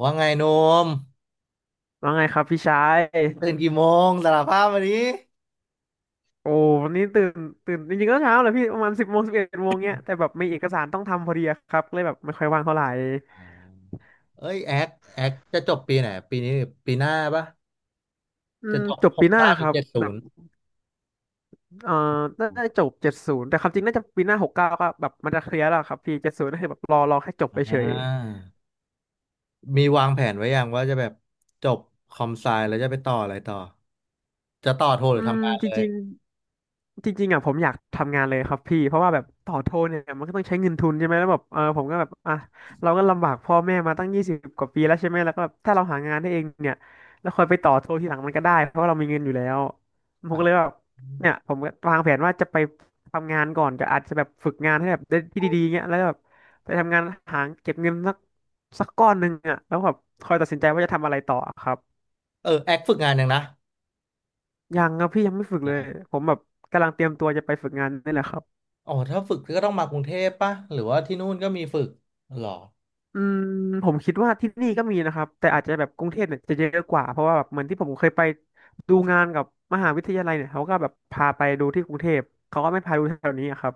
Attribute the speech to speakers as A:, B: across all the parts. A: ว่าไงโนม
B: ว่าไงครับพี่ชาย
A: ตื่นกี่โมงสารภาพมาดิ
B: โอ้วันนี้ตื่นจริงๆก็เช้าแหละพี่ประมาณ10 โมง11 โมงเนี้ยแต่แบบมีเอกสารต้องทำพอดีอะครับเลยแบบไม่ค่อยว่างเท่าไหร่
A: อ่าเอ้ยแอคจะจบปีไหนปีนี้ปีหน้าปะ
B: อื
A: จะ
B: ม
A: จบ
B: จบ
A: หก
B: ปีหน้า
A: เก้าห
B: ค
A: รือ
B: รับ
A: เจ็ดศู
B: แบบ
A: นย์
B: เอ่อน่าจะจบเจ็ดศูนย์แต่ความจริงน่าจะปีหน้า69ก็แบบมันจะเคลียร์แล้วครับพี่เจ็ดศูนย์ก็คือแบบรอแค่จบไปเฉ
A: อ่า
B: ย
A: มีวางแผนไว้ยังว่าจะแบบจบคอมไซแล้วจะไปต่ออะไรต่อจะต่อโทห
B: อื
A: รือ
B: ม
A: ทำงาน
B: จ
A: เลย
B: ริง จริงๆอ่ะผมอยากทำงานเลยครับพี่เพราะว่าแบบต่อโทเนี่ยมันก็ต้องใช้เงินทุนใช่ไหมแล้วแบบเออผมก็แบบอ่ะเราก็ลำบากพ่อแม่มาตั้ง20กว่าปีแล้วใช่ไหมแล้วก็แบบถ้าเราหางานได้เองเนี่ยแล้วค่อยไปต่อโททีหลังมันก็ได้เพราะว่าเรามีเงินอยู่แล้วผม
A: อ่ะ
B: ก็เลยแบบเนี่ยผมก็วางแผนว่าจะไปทำงานก่อนจะอาจจะแบบฝึกงานให้แบบได้ที่ดีๆเงี้ยแล้วก็แบบไปทำงานหาเก็บเงินสักก้อนหนึ่งอ่ะแล้วแบบค่อยตัดสินใจว่าจะทำอะไรต่อครับ
A: เออแอคฝึกงานยังนะ
B: ยังครับพี่ยังไม่ฝึกเลยผมแบบกำลังเตรียมตัวจะไปฝึกงานนี่แหละครับ
A: อ๋อถ้าฝึกก็ต้องมากรุงเทพปะหรือว่าที่นู่นก็มีฝึกหรอ
B: อืมผมคิดว่าที่นี่ก็มีนะครับแต่อาจจะแบบกรุงเทพเนี่ยจะเยอะกว่าเพราะว่าแบบเหมือนที่ผมเคยไปดูงานกับมหาวิทยาลัยเนี่ยเขาก็แบบพาไปดูที่กรุงเทพเขาก็ไม่พาดูแถวนี้อะครับ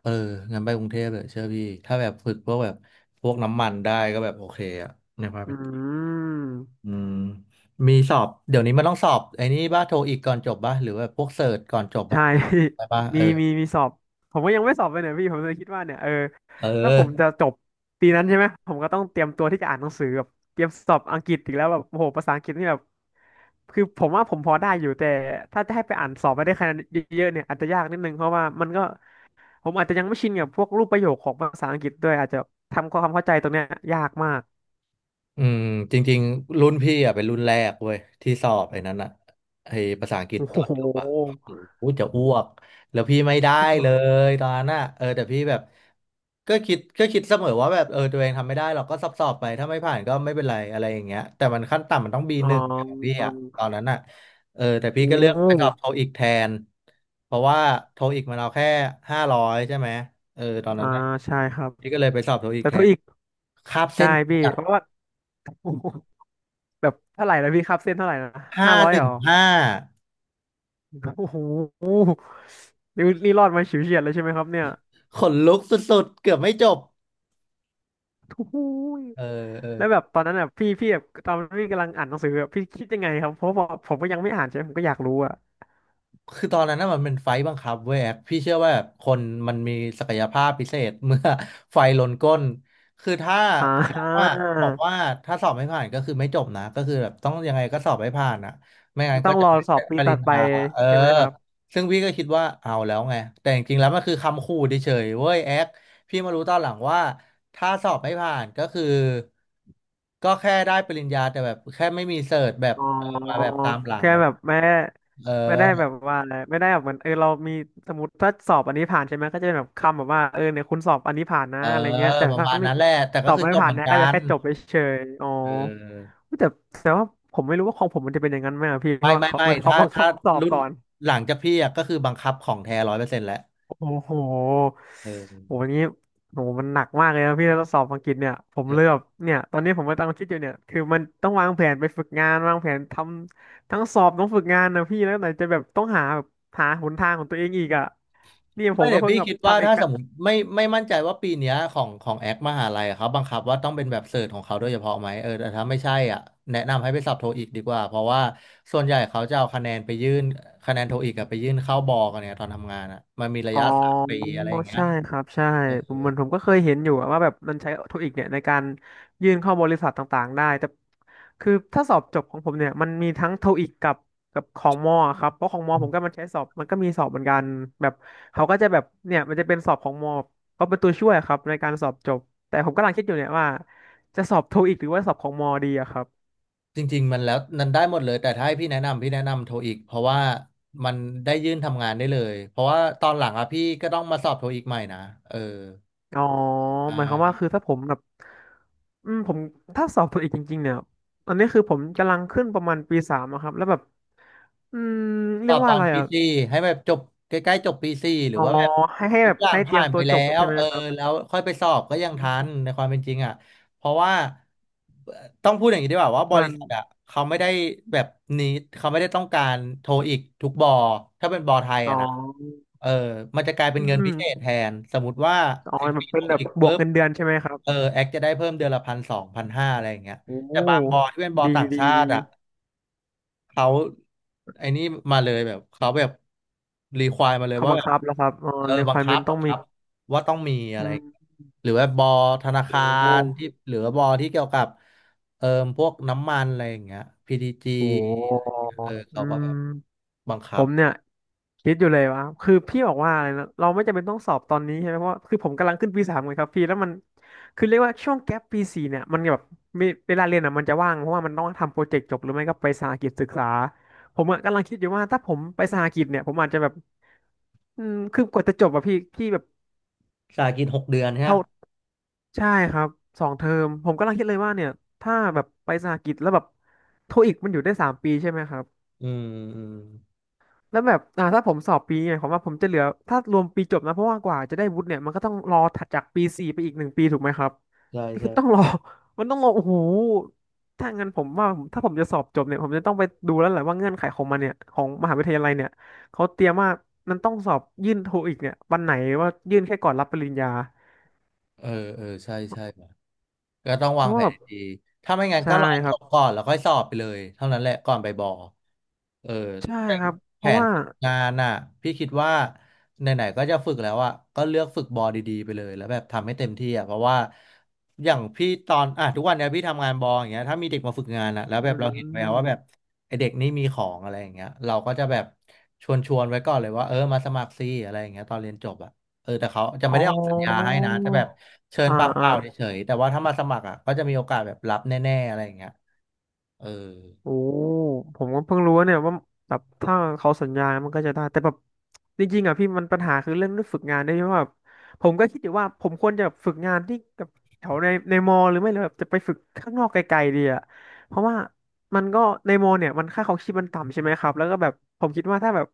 A: เอองั้นไปกรุงเทพเลยเชื่อพี่ถ้าแบบฝึกพวกแบบพวกน้ำมันได้ก็แบบโอเคอะเนี่ยพา
B: อื
A: ไป
B: ม
A: อืมมีสอบเดี๋ยวนี้มันต้องสอบไอ้นี่บ้าโทอีกก่อนจบบ้าหรือว่าพวกเสิร์ชก่อนจบอะ
B: ใช่
A: ไปบ้า เอ
B: มี
A: อ
B: มีมีสอบผมก็ยังไม่สอบเลยเนี่ยพี่ผมเลยคิดว่าเนี่ยเออ
A: เอ
B: ถ้าผ
A: อ
B: มจะจบปีนั้นใช่ไหมผมก็ต้องเตรียมตัวที่จะอ่านหนังสือแบบเตรียมสอบอังกฤษอีกแล้วแบบโอ้โหภาษาอังกฤษนี่แบบคือผมว่าผมพอได้อยู่แต่ถ้าจะให้ไปอ่านสอบไปได้คะแนนเยอะๆเนี่ยอาจจะยากนิดนึงเพราะว่ามันก็ ผมอาจจะยังไม่ชินกับพวกรูปประโยคของภาษาอังกฤษด้วยอาจจะทำความเข้าใจตรงเนี้ยยากมาก
A: อืมจริงๆรุ่นพี่อ่ะเป็นรุ่นแรกเว้ยที่สอบไอ้นั้นอ่ะไอ้ภาษาอังกฤษ
B: โอ้โ
A: ตอนจบอ่ะ
B: ห
A: โอ้โหจะอ้วกแล้วพี่ไม่ได้เลยตอนนั้นอ่ะเออแต่พี่แบบก็คิดเสมอว่าแบบเออตัวเองทำไม่ได้เราก็สอบไปถ้าไม่ผ่านก็ไม่เป็นไรอะไรอย่างเงี้ยแต่มันขั้นต่ำมันต้อง
B: อ๋
A: B1 ของพี่
B: อ
A: อ่ะตอนนั้นอ่ะเออแต่พี่
B: โอ้
A: ก็เลือกไปสอบโทอีกแทนเพราะว่าโทอีกมันเอาแค่500ใช่ไหมเออตอนนั้
B: อ่า
A: นน่ะ
B: ใช่ครับ
A: พี่ก็เลยไปสอบโทอีก
B: แต่
A: แท
B: เท่า
A: น
B: อีก
A: คาบเส้
B: ใช่
A: น
B: พี่เพราะว่าโอ้โหแบบเท่าไหร่นะพี่ครับเส้นเท่าไหร่นะ
A: ห้า
B: 500
A: ห
B: เห
A: นึ่
B: ร
A: ง
B: อ
A: ห้า
B: โอ้โหนี่รอดมาฉิวเฉียดเลยใช่ไหมครับเนี่ย
A: ขนลุกสุดๆเกือบไม่จบ
B: โอ้โห
A: เออเออ
B: แล้วแบบตอนนั้นอ่ะพี่แบบตอนพี่กำลังอ่านหนังสืออะพี่คิดยังไงครับเพราะว่าผมก็ยังไม่อ่านใช่ไหมผมก็อยากรู้อ่ะ
A: คือตอนนั้นน่ะมันเป็นไฟต์บังคับเว้ยแอ๊กพี่เชื่อว่าแบบคนมันมีศักยภาพพิเศษ เมื่อ ไฟลนก้นคือถ้า
B: อ่
A: บอกว่าบอกว่า
B: า
A: ถ้าสอบไม่ผ่านก็คือไม่จบนะก็คือแบบต้องยังไงก็สอบให้ผ่านอ่ะไม่งั้น
B: ต้
A: ก็
B: อง
A: จะ
B: รอ
A: ไม่
B: สอ
A: ได้
B: บปี
A: ปริ
B: ตัด
A: ญ
B: ไป
A: ญาเออ
B: ใช่ไหมครับ
A: ซึ่งพี่ก็คิดว่าเอาแล้วไงแต่จริงๆแล้วมันคือคำขู่เฉยๆเว้ยแอ๊กพี่มารู้ตอนหลังว่าถ้าสอบไม่ผ่านก็คือก็แค่ได้ปริญญาแต่แบบแค่ไม่มีเสิร์ตแบบ
B: อ๋
A: เออมา
B: อ
A: แบบตามหลัง
B: แค่
A: อะ
B: แบบไม่ได้
A: เ
B: ไม่ได้แบ
A: ออ
B: บว่าอะไรไม่ได้แบบเหมือนเออเรามีสมมติถ้าสอบอันนี้ผ่านใช่ไหมก็จะเป็นแบบคำแบบว่าเออเนี่ยคุณสอบอันนี้ผ่านนะ
A: เออ
B: อะไรเงี้ยแต่
A: ประ
B: ถ้า
A: มาณ
B: ไม่
A: นั้นแหละแต่
B: ส
A: ก็
B: อบ
A: คือ
B: ไม่
A: จบ
B: ผ่า
A: เห
B: น
A: มือน
B: นะ
A: กั
B: ก็จะ
A: น
B: แค่จบไปเฉยๆอ๋อ
A: เออ
B: แต่แต่ว่าผมไม่รู้ว่าของผมมันจะเป็นอย่างนั้นไหมอะพี่เพ
A: ไม่
B: ราะว่า
A: ไม่
B: เขา
A: ไม่
B: มันเขา
A: ถ้า
B: บังคับสอบ
A: รุ่น
B: ก่อน
A: หลังจากพี่อะก็คือบังคับของแท้100%แหละ
B: โอ้โห
A: เอ
B: โอ้
A: อ
B: โหนี้โอ้โหมันหนักมากเลยนะพี่แล้วสอบอังกฤษเนี่ยผม
A: เอ
B: เลยแบ
A: อ
B: บเนี่ยตอนนี้ผมก็ำลังคิดอยู่เนี่ยคือมันต้องวางแผนไปฝึกงานวางแผนทำทั้งสอบต้องฝึกงานนะพี่แล้วไหนจะแบบต้องหาแบบหาหนทางของตัวเองอีกอ่ะนี่ผ
A: ไม่
B: มก็
A: เดี๋ยว
B: เพิ่ง
A: พี่
B: แบบ
A: คิดว่า
B: ทำเอก
A: ถ้าสมมติไม่มั่นใจว่าปีเนี้ยของแอคมหาลัยอะเขาบังคับว่าต้องเป็นแบบเสิร์ชของเขาโดยเฉพาะไหมเออแต่ถ้าไม่ใช่อ่ะแนะนำให้ไปสอบโทอีกดีกว่าเพราะว่าส่วนใหญ่เขาจะเอาคะแนนไปยื่นคะแนนโทอีกอะไปยื่นเข้าบอกันเนี่ยตอนทำงานอ่ะมันมีระ
B: อ๋อ
A: ยะ3 ปีอะไรอย่างเงี้ย
B: ใช่ครับใช่
A: เอ
B: ผมเหมือนผมก็เคยเห็นอยู่อะว่าแบบมันใช้เทคนิคเนี่ยในการยื่นเข้าบริษัทต่างๆได้แต่คือถ้าสอบจบของผมเนี่ยมันมีทั้งโทอีกกับของมอครับเพราะของมอผมก็
A: อ
B: มันใช้สอบมันก็มีสอบเหมือนกันแบบเขาก็จะแบบเนี่ยมันจะเป็นสอบของมอก็เป็นตัวช่วยครับในการสอบจบแต่ผมกำลังคิดอยู่เนี่ยว่าจะสอบโทอีกหรือว่าสอบของมอดีอะครับ
A: จริงๆมันแล้วมันได้หมดเลยแต่ถ้าให้พี่แนะนำพี่แนะนำโทอีกเพราะว่ามันได้ยื่นทำงานได้เลยเพราะว่าตอนหลังอะพี่ก็ต้องมาสอบโทอีกใหม่นะเออ
B: อ๋อหมายความว่าคือถ้าผมแบบอืมผมถ้าสอบตัวอีกจริงๆเนี่ยตอนนี้คือผมกำลังขึ้นประมาณปีสามอะครับแล้วแบบอืมเรี
A: ก็
B: ยก
A: ต
B: ว่า
A: อ
B: อะ
A: น
B: ไร
A: ปี
B: อ่ะ
A: สี่ให้แบบจบใกล้ๆจบปีสี่หรือ
B: อ๋อ
A: ว่าแบบ
B: ให้ให้
A: ทุ
B: แบ
A: ก
B: บ
A: อย่าง
B: ให้เตรี
A: ผ่า
B: ยม
A: น
B: ตั
A: ไป
B: วจ
A: แล้
B: บ
A: ว
B: ใช่ไหม
A: เออ
B: ครับ
A: แล้วค่อยไปสอบก็
B: อื
A: ยังทัน
B: ม
A: ในความเป็นจริงอ่ะเพราะว่าเอ่อต้องพูดอย่างนี้ดีกว่าว่าบ
B: เหมือ
A: ริ
B: น
A: ษัทอ่ะเขาไม่ได้แบบนี้เขาไม่ได้ต้องการโทรอีกทุกบอถ้าเป็นบอไทย
B: อ๋
A: อ่ะนะ
B: อ
A: เออมันจะกลายเป็
B: อื
A: น
B: ม
A: เงินพิเศษแทนสมมติว่า
B: อ๋อ
A: แอค
B: แบบเป็
A: โทร
B: นแบบ
A: อีก
B: บว
A: ปุ๊
B: ก
A: บ
B: เงินเดือนใช่ไหมครับ
A: เออแอคจะได้เพิ่มเดือนละพันสองพันห้าอะไรอย่างเงี้ย
B: โอ
A: แต่บางบอ
B: ้
A: ที่เป็นบอ
B: ดี
A: ต่าง
B: ดี
A: ชา
B: ดี
A: ติอ่ะ เขาไอ้นี่มาเลยแบบเขาแบบรีควายมาเลย
B: เขา
A: ว่า
B: บัง
A: แบบ
B: คับแล้วครับอ๋อ
A: เออบังคับ
B: requirement ต้อ
A: บั
B: ง
A: ง
B: มี
A: คับว่าต้องมี
B: อื
A: อะไร
B: ม
A: หรือว่าบอธนา
B: โอ้
A: คา
B: โห
A: รที่หรือว่าบอที่เกี่ยวกับเอ่อพวกน้ำมันอะไรอย่างเงี้ย PTG
B: โอ้โห
A: เออ
B: อื
A: เขาก็
B: ม
A: แบบบัง
B: ผ
A: คับ
B: มเนี่ยคิดอยู่เลยว่าคือพี่บอกว่าอะไรนะเราไม่จำเป็นต้องสอบตอนนี้ใช่ไหมเพราะว่าคือผมกำลังขึ้นปีสามไงครับพี่แล้วมันคือเรียกว่าช่วงแก๊ปปีสี่เนี่ยมันแบบมีเวลาเรียนอ่ะมันจะว่างเพราะว่ามันต้องทำโปรเจกต์จบหรือไม่ก็ไปสหกิจศึกษาผมอะกำลังคิดอยู่ว่าถ้าผมไปสหกิจเนี่ยผมอาจจะแบบคือกว่าจะจบอะพี่แบบ
A: สากิน6 เดือนใช่ไหม
B: เท่าใช่ครับสองเทอมผมกำลังคิดเลยว่าเนี่ยถ้าแบบไปสหกิจแล้วแบบโทอีกมันอยู่ได้สามปีใช่ไหมครับ
A: อืมอืม
B: แล้วแบบถ้าผมสอบปีเนี่ยผมว่าผมจะเหลือถ้ารวมปีจบนะเพราะว่ากว่าจะได้วุฒิเนี่ยมันก็ต้องรอถัดจากปีสี่ไปอีกหนึ่งปีถูกไหมครับ
A: ใช่
B: คื
A: ใช่
B: อต้องรอ มันต้องรอโอ้โหถ้างั้นผมว่าผมถ้าผมจะสอบจบเนี่ยผมจะต้องไปดูแล้วแหละว่าเงื่อนไขของมันเนี่ยของมหาวิทยาลัยเนี่ยเขาเตรียมว่ามันต้องสอบยื่นโทอีกเนี่ยวันไหนว่ายื่นแค่ก่อนรับปริญญา
A: เออเออ ใช่ใช่ก็ต้อง
B: เพ
A: วาง
B: ราะ
A: แผ
B: ว่าแบ
A: น
B: บ
A: ดีถ้าไม่งั้น
B: ใช่
A: ก็รอ
B: ค
A: จ
B: รับ
A: บก่อนแล้วค่อยสอบไปเลยเท่านั้นแหละก่อนไปบอเออ
B: ใช่
A: แต่
B: ครับเพ
A: แผ
B: ราะ
A: น
B: ว่า
A: ฝึกงานน่ะพี่คิดว่าไหนๆก็จะฝึกแล้วอ่ะก็เลือกฝึกบอดีๆไปเลยแล้วแบบทำให้เต็มที่อ่ะเพราะว่าอย่างพี่ตอนอ่ะทุกวันเนี้ยพี่ทำงานบออย่างเงี้ยถ้ามีเด็กมาฝึกงานอ่ะแล้ว
B: อื
A: แบบเราเห็นแววว่า
B: ม
A: แบบไอเด็กนี่มีของอะไรอย่างเงี้ยเราก็จะแบบชวนไว้ก่อนเลยว่าเออมาสมัครซิอะไรอย่างเงี้ยตอนเรียนจบอ่ะ เออแต่เขาจะ
B: อ๋
A: ไม่
B: อ
A: ได้ออกสัญญาให้นะแต่แบบเชิญ
B: อ่า
A: ปากเป
B: อ่า
A: ล่าเฉยๆแต่ว่าถ้ามาสมัครอ่ะก็จะมีโอกาสแบบรับแน่ๆอะไรอย่างเงี้ยเออ
B: โอ้ผมก็เพิ่งรู้ว่าเนี่ยว่าแบบถ้าเขาสัญญามันก็จะได้แต่แบบจริงๆอ่ะพี่มันปัญหาคือเรื่องฝึกงานด้วยเพราะแบบผมก็คิดอยู่ว่าผมควรจะฝึกงานที่กับแถวในมอหรือไม่เลยแบบจะไปฝึกข้างนอกไกลๆดีอ่ะเพราะว่ามันก็ในมอเนี่ยมันค่าครองชีพมันต่ำใช่ไหมครับแล้วก็แบบผมคิดว่าถ้าแบบ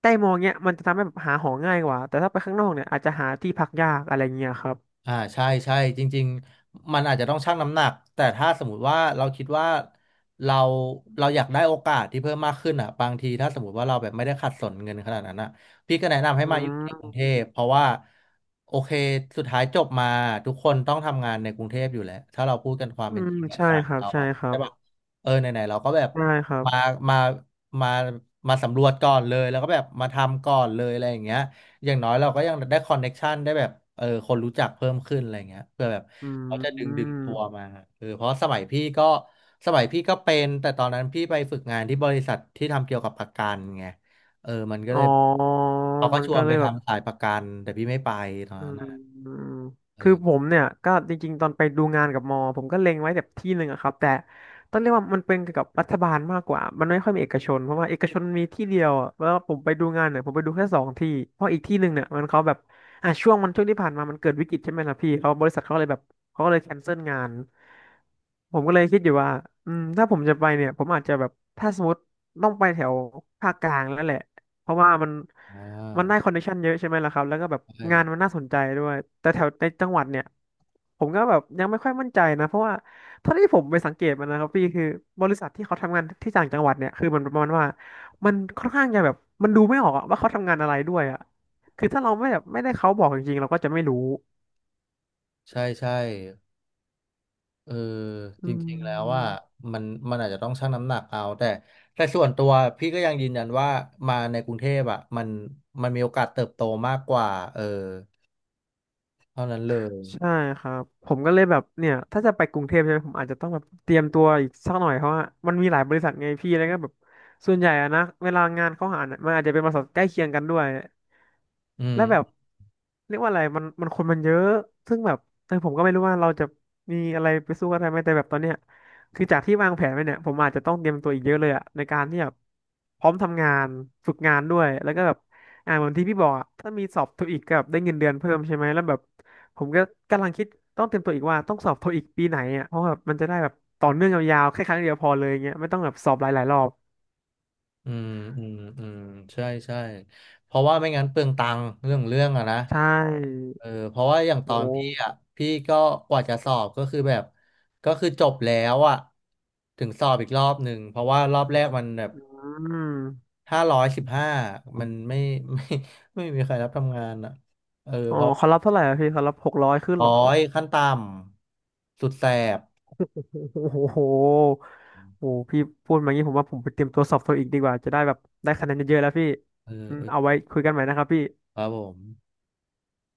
B: ใกล้มอเนี้ยมันจะทำให้แบบหาหอง่ายกว่าแต่ถ้าไปข้างนอกเนี่ยอาจจะหาที่พักยากอะไรเงี้ยครับ
A: อ่าใช่ใช่จริงๆมันอาจจะต้องชั่งน้ำหนักแต่ถ้าสมมติว่าเราคิดว่าเราเราอยากได้โอกาสที่เพิ่มมากขึ้นอ่ะบางทีถ้าสมมติว่าเราแบบไม่ได้ขัดสนเงินขนาดนั้นอ่ะพี่ก็แนะนำ
B: อื
A: ให้มาอยู่ในกรุงเท
B: ม
A: พเพราะว่าโอเคสุดท้ายจบมาทุกคนต้องทำงานในกรุงเทพอยู่แล้วถ้าเราพูดกันความ
B: อื
A: เป็น
B: ม
A: จริงอ่ะ
B: ใช่
A: สาย
B: ครับ
A: เรา
B: ใช่
A: อ่ะ
B: ครั
A: ใช่
B: บ
A: ปะเออไหนๆเราก็แบบ
B: ใช่ครับ
A: มามามามาสำรวจก่อนเลยแล้วก็แบบมาทำก่อนเลยอะไรอย่างเงี้ย อย่างน้อยเราก็ยังได้คอนเน็กชันได้แบบเออคนรู้จักเพิ่มขึ้นอะไรเงี้ยเพื่อแบบ
B: อ
A: เขาจะ
B: ื
A: ดึงตัว
B: ม
A: มาเออเพราะสมัยพี่ก็เป็นแต่ตอนนั้นพี่ไปฝึกงานที่บริษัทที่ทำเกี่ยวกับประกันไงเออมันก็
B: อ๋
A: เล
B: อ
A: ยเขาก็
B: มัน
A: ชว
B: ก็
A: น
B: เล
A: ไป
B: ยแบบ
A: ทำสายประกันแต่พี่ไม่ไปตอน
B: อื
A: นั้น
B: ม
A: น่ะ
B: อืม
A: เอ
B: คือ
A: อ
B: ผมเนี่ยก็จริงๆตอนไปดูงานกับมอผมก็เล็งไว้แบบที่หนึ่งอะครับแต่ต้องเรียกว่ามันเป็นเกี่ยวกับรัฐบาลมากกว่ามันไม่ค่อยมีเอกชนเพราะว่าเอกชนมีที่เดียวอะแล้วผมไปดูงานเนี่ยผมไปดูแค่สองที่เพราะอีกที่หนึ่งเนี่ยมันเขาแบบอ่ะช่วงที่ผ่านมามันเกิดวิกฤตใช่ไหมล่ะพี่เขาบริษัทเขาเลยแบบเขาก็เลยแคนเซิลงานผมก็เลยคิดอยู่ว่าถ้าผมจะไปเนี่ยผมอาจจะแบบถ้าสมมติต้องไปแถวภาคกลางแล้วแหละเพราะว่ามัน
A: อ่
B: มันได้
A: า
B: คอนเนคชั่นเยอะใช่ไหมล่ะครับ แล้วก็แบบ
A: ใช่
B: งานมันน่าสนใจด้วย แต่แถวในจังหวัดเนี่ยผมก็แบบยังไม่ค่อยมั่นใจนะเพราะว่าเท่าที่ผมไปสังเกตมานะครับพี่คือบริษัทที่เขาทำงานที่ต่างจังหวัดเนี่ยคือมันประมาณว่ามันค่อนข้างจะแบบมันดูไม่ออกอะว่าเขาทำงานอะไรด้วยอะคือถ้าเราไม่แบบไม่ได้เขาบอกจริงๆเราก็จะไม่รู้
A: ใช่ใช่ เออจ
B: อื
A: ริงๆแล้วว่า
B: ม
A: มันอาจจะต้องชั่งน้ำหนักเอาแต่แต่ส่วนตัวพี่ก็ยังยืนยันว่ามาในกรุงเทพอ่ะมันมันมีโอกาสเติบโตมากกว่าเออเท่านั้นเลย
B: ใช่ครับผมก็เลยแบบเนี่ยถ้าจะไปกรุงเทพใช่ไหมผมอาจจะต้องแบบเตรียมตัวอีกสักหน่อยเพราะว่ามันมีหลายบริษัทไงพี่แล้วก็แบบส่วนใหญ่อะนะเวลางานเขาหาเนี่ยมันอาจจะเป็นบริษัทใกล้เคียงกันด้วย
A: อื
B: และแบบ
A: ม
B: เรียกว่าอะไรมันคนมันเยอะซึ่งแบบแตอผมก็ไม่รู้ว่าเราจะมีอะไรไปสู้กันได้ไหมแต่แบบตอนเนี้ยคือจากที่วางแผนไว้เนี่ยผมอาจจะต้องเตรียมตัวอีกเยอะเลยอะในการที่แบบพร้อมทำงานฝึกงานด้วยแล้วก็แบบเหมือนที่พี่บอกอะถ้ามีสอบโทอีกกับได้เงินเดือนเพิ่มใช่ไหมแล้วแบบผมก็กำลังคิดต้องเตรียมตัวอีกว่าต้องสอบโทอีกปีไหนอะเพราะแบบมันจะได้แบบต่อเนื่องยาวๆแค่ครั้งเดียวพอเลยเงี้ยไม่ต้องแบบสอบหลายๆรอบ
A: อืมอืมอืมใช่ใช่เพราะว่าไม่งั้นเปลืองตังค์เรื่องอะนะ
B: ใช่
A: เออเพราะว่าอย่างตอ
B: โอ้
A: นพี่อ่ะพี่ก็กว่าจะสอบก็คือแบบก็คือจบแล้วอ่ะถึงสอบอีกรอบหนึ่งเพราะว่ารอบแรกมันแบบ
B: อืม
A: ถ้า115มันไม่ ไม่ไม่มีใครรับทำงานอ่ะเออ
B: อ๋อ
A: เพราะ
B: เขารับเท่าไหร่อะพี่เขารับหกร้อยขึ้นเห
A: ร้
B: ร
A: อ
B: อครับ
A: ยขั้นต่ำสุดแสบ
B: โอ้โหโอ้หโอ้โหพี่พูดมางี้ผมว่าผมไปเตรียมตัวสอบโทอีกดีกว่าจะได้แบบได้คะแนนเยอะๆแล้วพี่
A: เออ
B: อืม
A: เอ
B: เอา
A: อ
B: ไว้คุยกันใหม่นะครับพี่
A: ครับผม